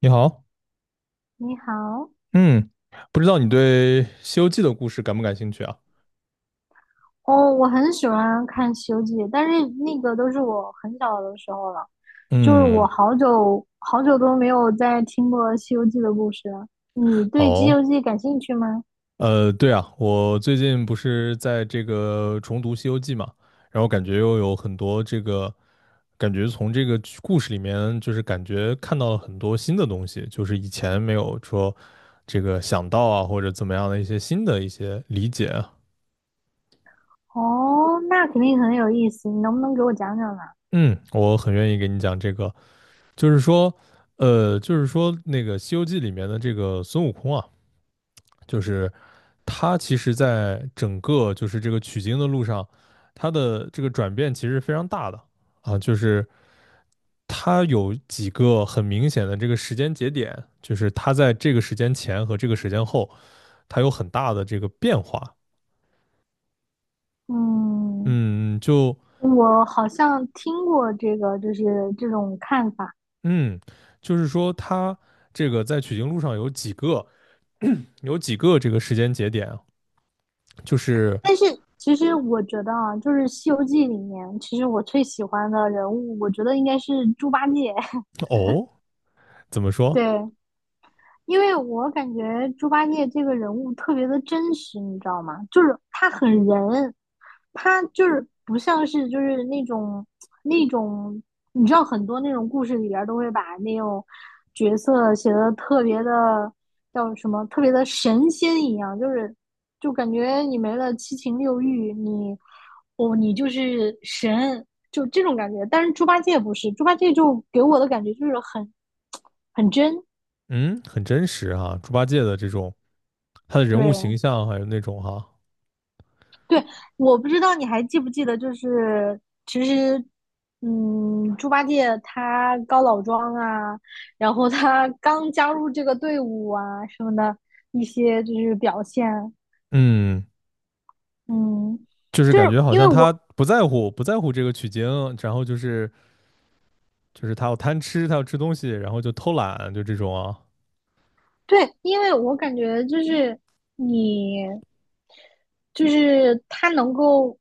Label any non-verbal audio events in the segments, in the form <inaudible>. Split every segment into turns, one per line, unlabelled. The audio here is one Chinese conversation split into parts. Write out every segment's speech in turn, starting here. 你好，
你好。
嗯，不知道你对《西游记》的故事感不感兴趣啊？
哦，我很喜欢看《西游记》，但是那个都是我很小的时候了，就是我
嗯，
好久好久都没有再听过《西游记》的故事了。你对《西
哦，
游记》感兴趣吗？
对啊，我最近不是在这个重读《西游记》嘛，然后感觉又有很多这个，感觉从这个剧故事里面，就是感觉看到了很多新的东西，就是以前没有说这个想到啊，或者怎么样的一些新的一些理解啊。
哦，那肯定很有意思，你能不能给我讲讲呢？
嗯，我很愿意给你讲这个，就是说，就是说那个《西游记》里面的这个孙悟空啊。就是他其实，在整个就是这个取经的路上，他的这个转变其实非常大的啊，就是他有几个很明显的这个时间节点，就是他在这个时间前和这个时间后，他有很大的这个变化。
嗯，
嗯，就
我好像听过这个，就是这种看法，
嗯，就是说他这个在取经路上有几个 <clears throat> <coughs> 有几个这个时间节点啊就是
但是其实我觉得啊，就是《西游记》里面，其实我最喜欢的人物，我觉得应该是猪八戒。
哦，怎么
<laughs> 对。
说？
因为我感觉猪八戒这个人物特别的真实，你知道吗？就是他很人，他就是不像是就是那种那种，你知道很多那种故事里边都会把那种角色写的特别的叫什么，特别的神仙一样，就是就感觉你没了七情六欲，你就是神，就这种感觉。但是猪八戒不是，猪八戒就给我的感觉就是很真。
嗯，很真实啊，猪八戒的这种他的人物形
对。
象还有那种哈，
对，我不知道你还记不记得，就是其实，嗯，猪八戒他高老庄啊，然后他刚加入这个队伍啊什么的一些就是表现。
嗯，
嗯，
就是
就
感
是
觉好
因为
像他
我，
不在乎这个取经，然后就是他要贪吃，他要吃东西，然后就偷懒，就这种啊，
对，因为我感觉就是你，就是他能够，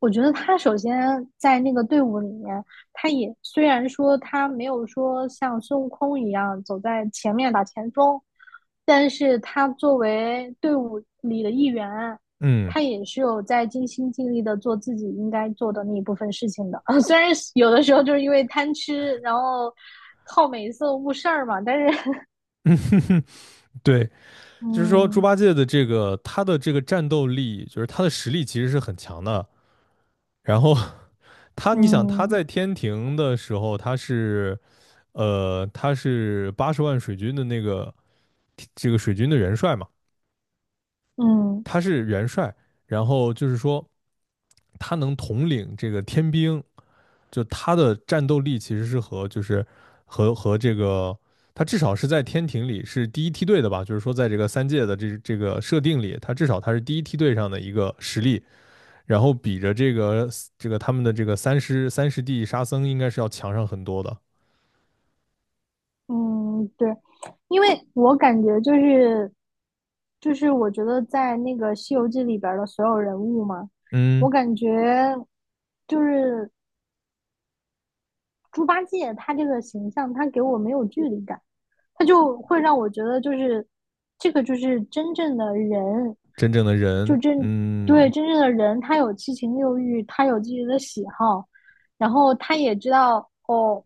我觉得他首先在那个队伍里面，他也虽然说他没有说像孙悟空一样走在前面打前锋，但是他作为队伍里的一员，
嗯。
他也是有在尽心尽力的做自己应该做的那一部分事情的。<laughs> 虽然有的时候就是因为贪吃，然后靠美色误事儿嘛，但是 <laughs>
<laughs> 对，就是说猪
嗯。
八戒的这个他的这个战斗力，就是他的实力其实是很强的。然后他，你想他
嗯
在天庭的时候，他是，他是八十万水军的这个水军的元帅嘛，
嗯
他是元帅。然后就是说，他能统领这个天兵，就他的战斗力其实是和就是和这个他至少是在天庭里是第一梯队的吧，就是说在这个三界的这这个设定里，他至少他是第一梯队上的一个实力，然后比着这个这个他们的这个三师弟沙僧应该是要强上很多的，
嗯，对，因为我感觉就是，我觉得在那个《西游记》里边儿的所有人物嘛，我
嗯，
感觉就是猪八戒他这个形象，他给我没有距离感。他就会让我觉得，就是这个就是真正的人，
真正的
就
人，
真，对，
嗯
真正的人，他有七情六欲，他有自己的喜好，然后他也知道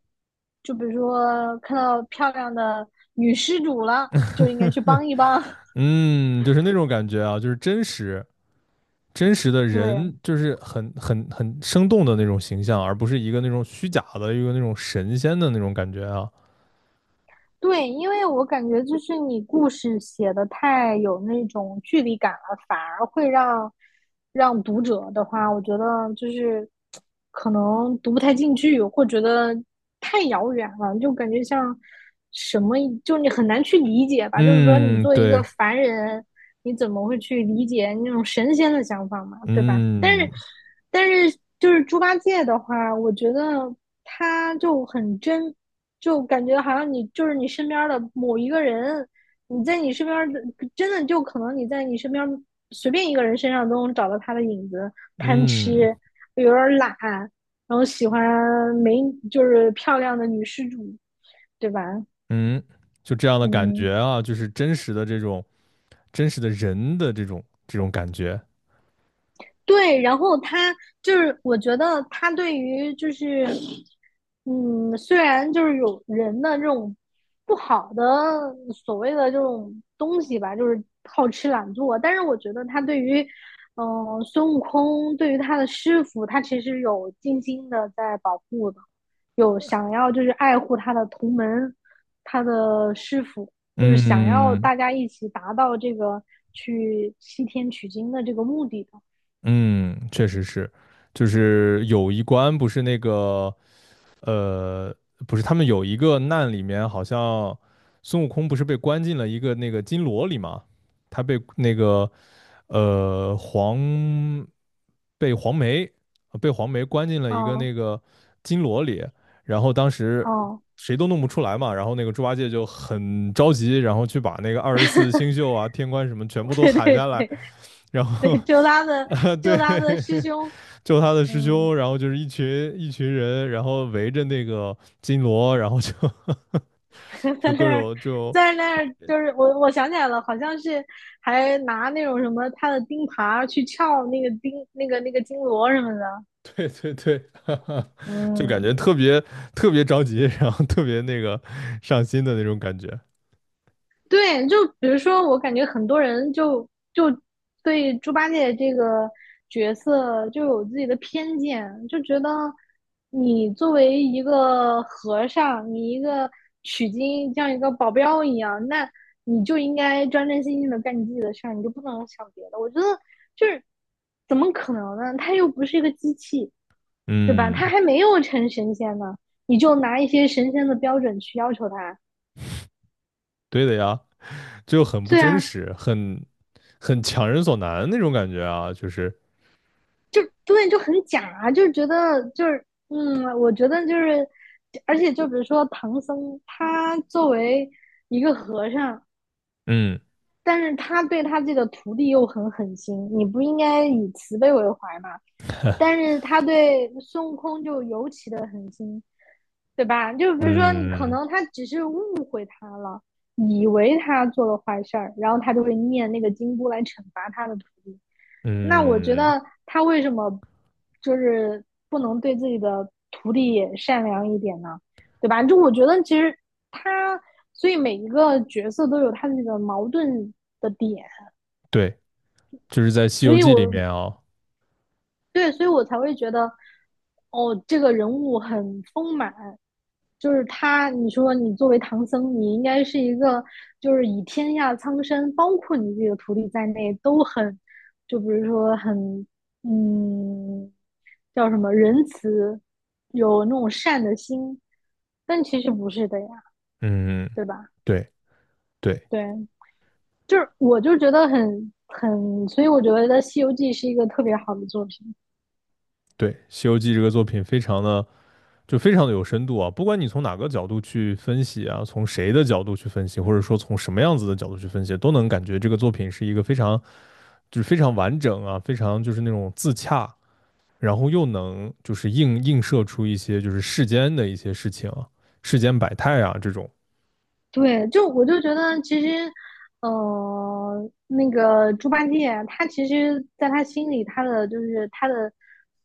就比如说看到漂亮的女施主了，就应该去帮一帮。<laughs>
嗯，就是那种感觉啊，就是真实，真实的人，
对。
就是很很很生动的那种形象，而不是一个那种虚假的一个那种神仙的那种感觉啊。
对，因为我感觉就是你故事写的太有那种距离感了，反而会让读者的话，我觉得就是可能读不太进去，或觉得太遥远了，就感觉像什么，就你很难去理解吧。就是说，你
嗯，
作为一个
对，
凡人，你怎么会去理解那种神仙的想法嘛，对吧？但
嗯
是，就是猪八戒的话，我觉得他就很真，就感觉好像你就是你身边的某一个人，你在你身边的真的就可能你在你身边随便一个人身上都能找到他的影子，贪吃，
嗯
有点懒，然后喜欢美，就是漂亮的女施主，对吧？
嗯，就这样的感
嗯，
觉啊，就是真实的这种真实的人的这种感觉。
对，然后他就是我觉得他对于就是，嗯，虽然就是有人的这种不好的所谓的这种东西吧，就是好吃懒做，但是我觉得他对于嗯、孙悟空，对于他的师傅，他其实有精心的在保护的，有想要就是爱护他的同门，他的师傅，就是想要
嗯
大家一起达到这个去西天取经的这个目的的。
嗯，确实是，就是有一关不是那个呃，不是，他们有一个难里面，好像孙悟空不是被关进了一个那个金罗里吗？他被那个呃黄被黄梅呃被黄梅关进了一个
哦
那个金罗里，然后当时
哦。
谁都弄不出来嘛，然后那个猪八戒就很着急，然后去把那个二十四
<laughs>
星宿啊、天官什么全部都
对
喊下来，
对
然后 <laughs>
对，
啊、
就
对。
他的师兄，
<laughs> 救他的师
嗯。
兄，然后就是一群一群人，然后围着那个金锣，然后就
<laughs>
<laughs>
在
就各
那儿，
种就
就是我想起来了，好像是还拿那种什么他的钉耙去撬那个钉那个金锣什么的。
对对对，<laughs> 就感
嗯。
觉特别特别着急，然后特别那个上心的那种感觉。
对，就比如说，我感觉很多人就对猪八戒这个角色就有自己的偏见，就觉得你作为一个和尚，你一个取经像一个保镖一样，那你就应该专专心心的干你自己的事儿，你就不能想别的。我觉得就是怎么可能呢？他又不是一个机器，对吧？他
嗯，
还没有成神仙呢，你就拿一些神仙的标准去要求他。
对的呀，就很不
对
真
啊，
实，很强人所难那种感觉啊，就是
就对，就很假啊，就是觉得就是嗯，我觉得就是，而且就比如说唐僧，他作为一个和尚，
嗯
但是他对他自己的徒弟又很狠心，你不应该以慈悲为怀吗？但是他对孙悟空就尤其的狠心，对吧？就比如说你可
嗯
能他只是误会他了，以为他做了坏事儿，然后他就会念那个金箍来惩罚他的徒弟。那我觉
嗯，
得他为什么就是不能对自己的徒弟也善良一点呢？对吧？就我觉得其实他，所以每一个角色都有他的那个矛盾的点，
对，就是在《西
所
游
以
记》里
我，
面啊，
对，所以我才会觉得，哦，这个人物很丰满。就是他，你说你作为唐僧，你应该是一个，就是以天下苍生，包括你自己的徒弟在内，都很，就比如说很，嗯，叫什么仁慈，有那种善的心。但其实不是的呀，
嗯，
对吧？
对对
对，就是我就觉得很，所以我觉得《西游记》是一个特别好的作品。
对，《西游记》这个作品非常的。就非常的有深度啊！不管你从哪个角度去分析啊，从谁的角度去分析，或者说从什么样子的角度去分析，都能感觉这个作品是一个非常就是非常完整啊，非常就是那种自洽，然后又能就是映射出一些就是世间的一些事情啊，世间百态啊这种。
对，就我就觉得其实，那个猪八戒他其实在他心里，他的就是他的，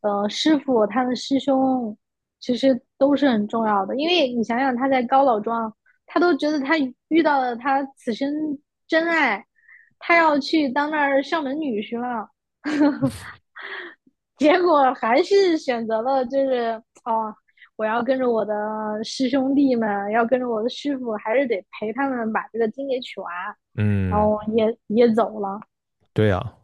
师傅，他的师兄，其实都是很重要的。因为你想想，他在高老庄，他都觉得他遇到了他此生真爱，他要去当那儿上门女婿了。结果还是选择了就是我要跟着我的师兄弟们，要跟着我的师傅，还是得陪他们把这个经给取完，然
嗯，
后也走了。
对啊，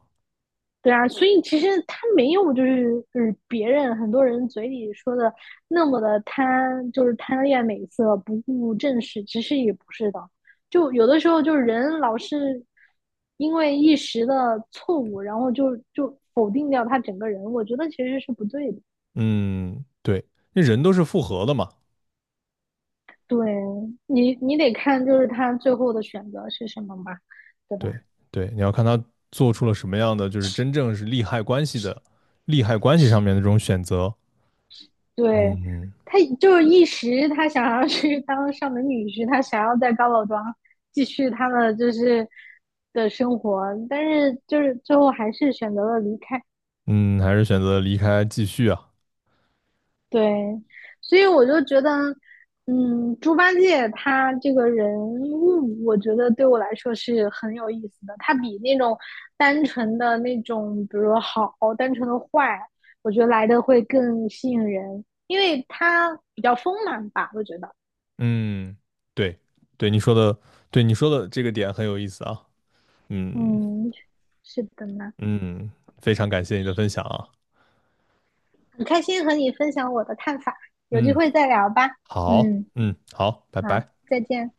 对啊，所以其实他没有就是，别人很多人嘴里说的那么的贪，就是贪恋美色，不顾正事，其实也不是的。就有的时候就是人老是因为一时的错误，然后就否定掉他整个人，我觉得其实是不对的。
嗯，对，那人都是复合的嘛，
对，你得看就是他最后的选择是什么嘛，对吧？
对对，你要看他做出了什么样的，就是真正是利害关系上面的这种选择。
对，
嗯。嗯
他就是一时他想要去当上门女婿，他想要在高老庄继续他的就是的生活，但是就是最后还是选择了离开。
嗯，还是选择离开继续啊。
对，所以我就觉得，嗯，猪八戒他这个人物，我觉得对我来说是很有意思的。他比那种单纯的那种，比如说好，单纯的坏，我觉得来的会更吸引人，因为他比较丰满吧，我觉得。
嗯，对，对你说的，对你说的这个点很有意思啊。嗯
嗯，是的呢，
嗯，非常感谢你的分享啊。
很开心和你分享我的看法，有机
嗯，
会再聊吧。
好，
嗯，
好，拜
好，
拜。
再见。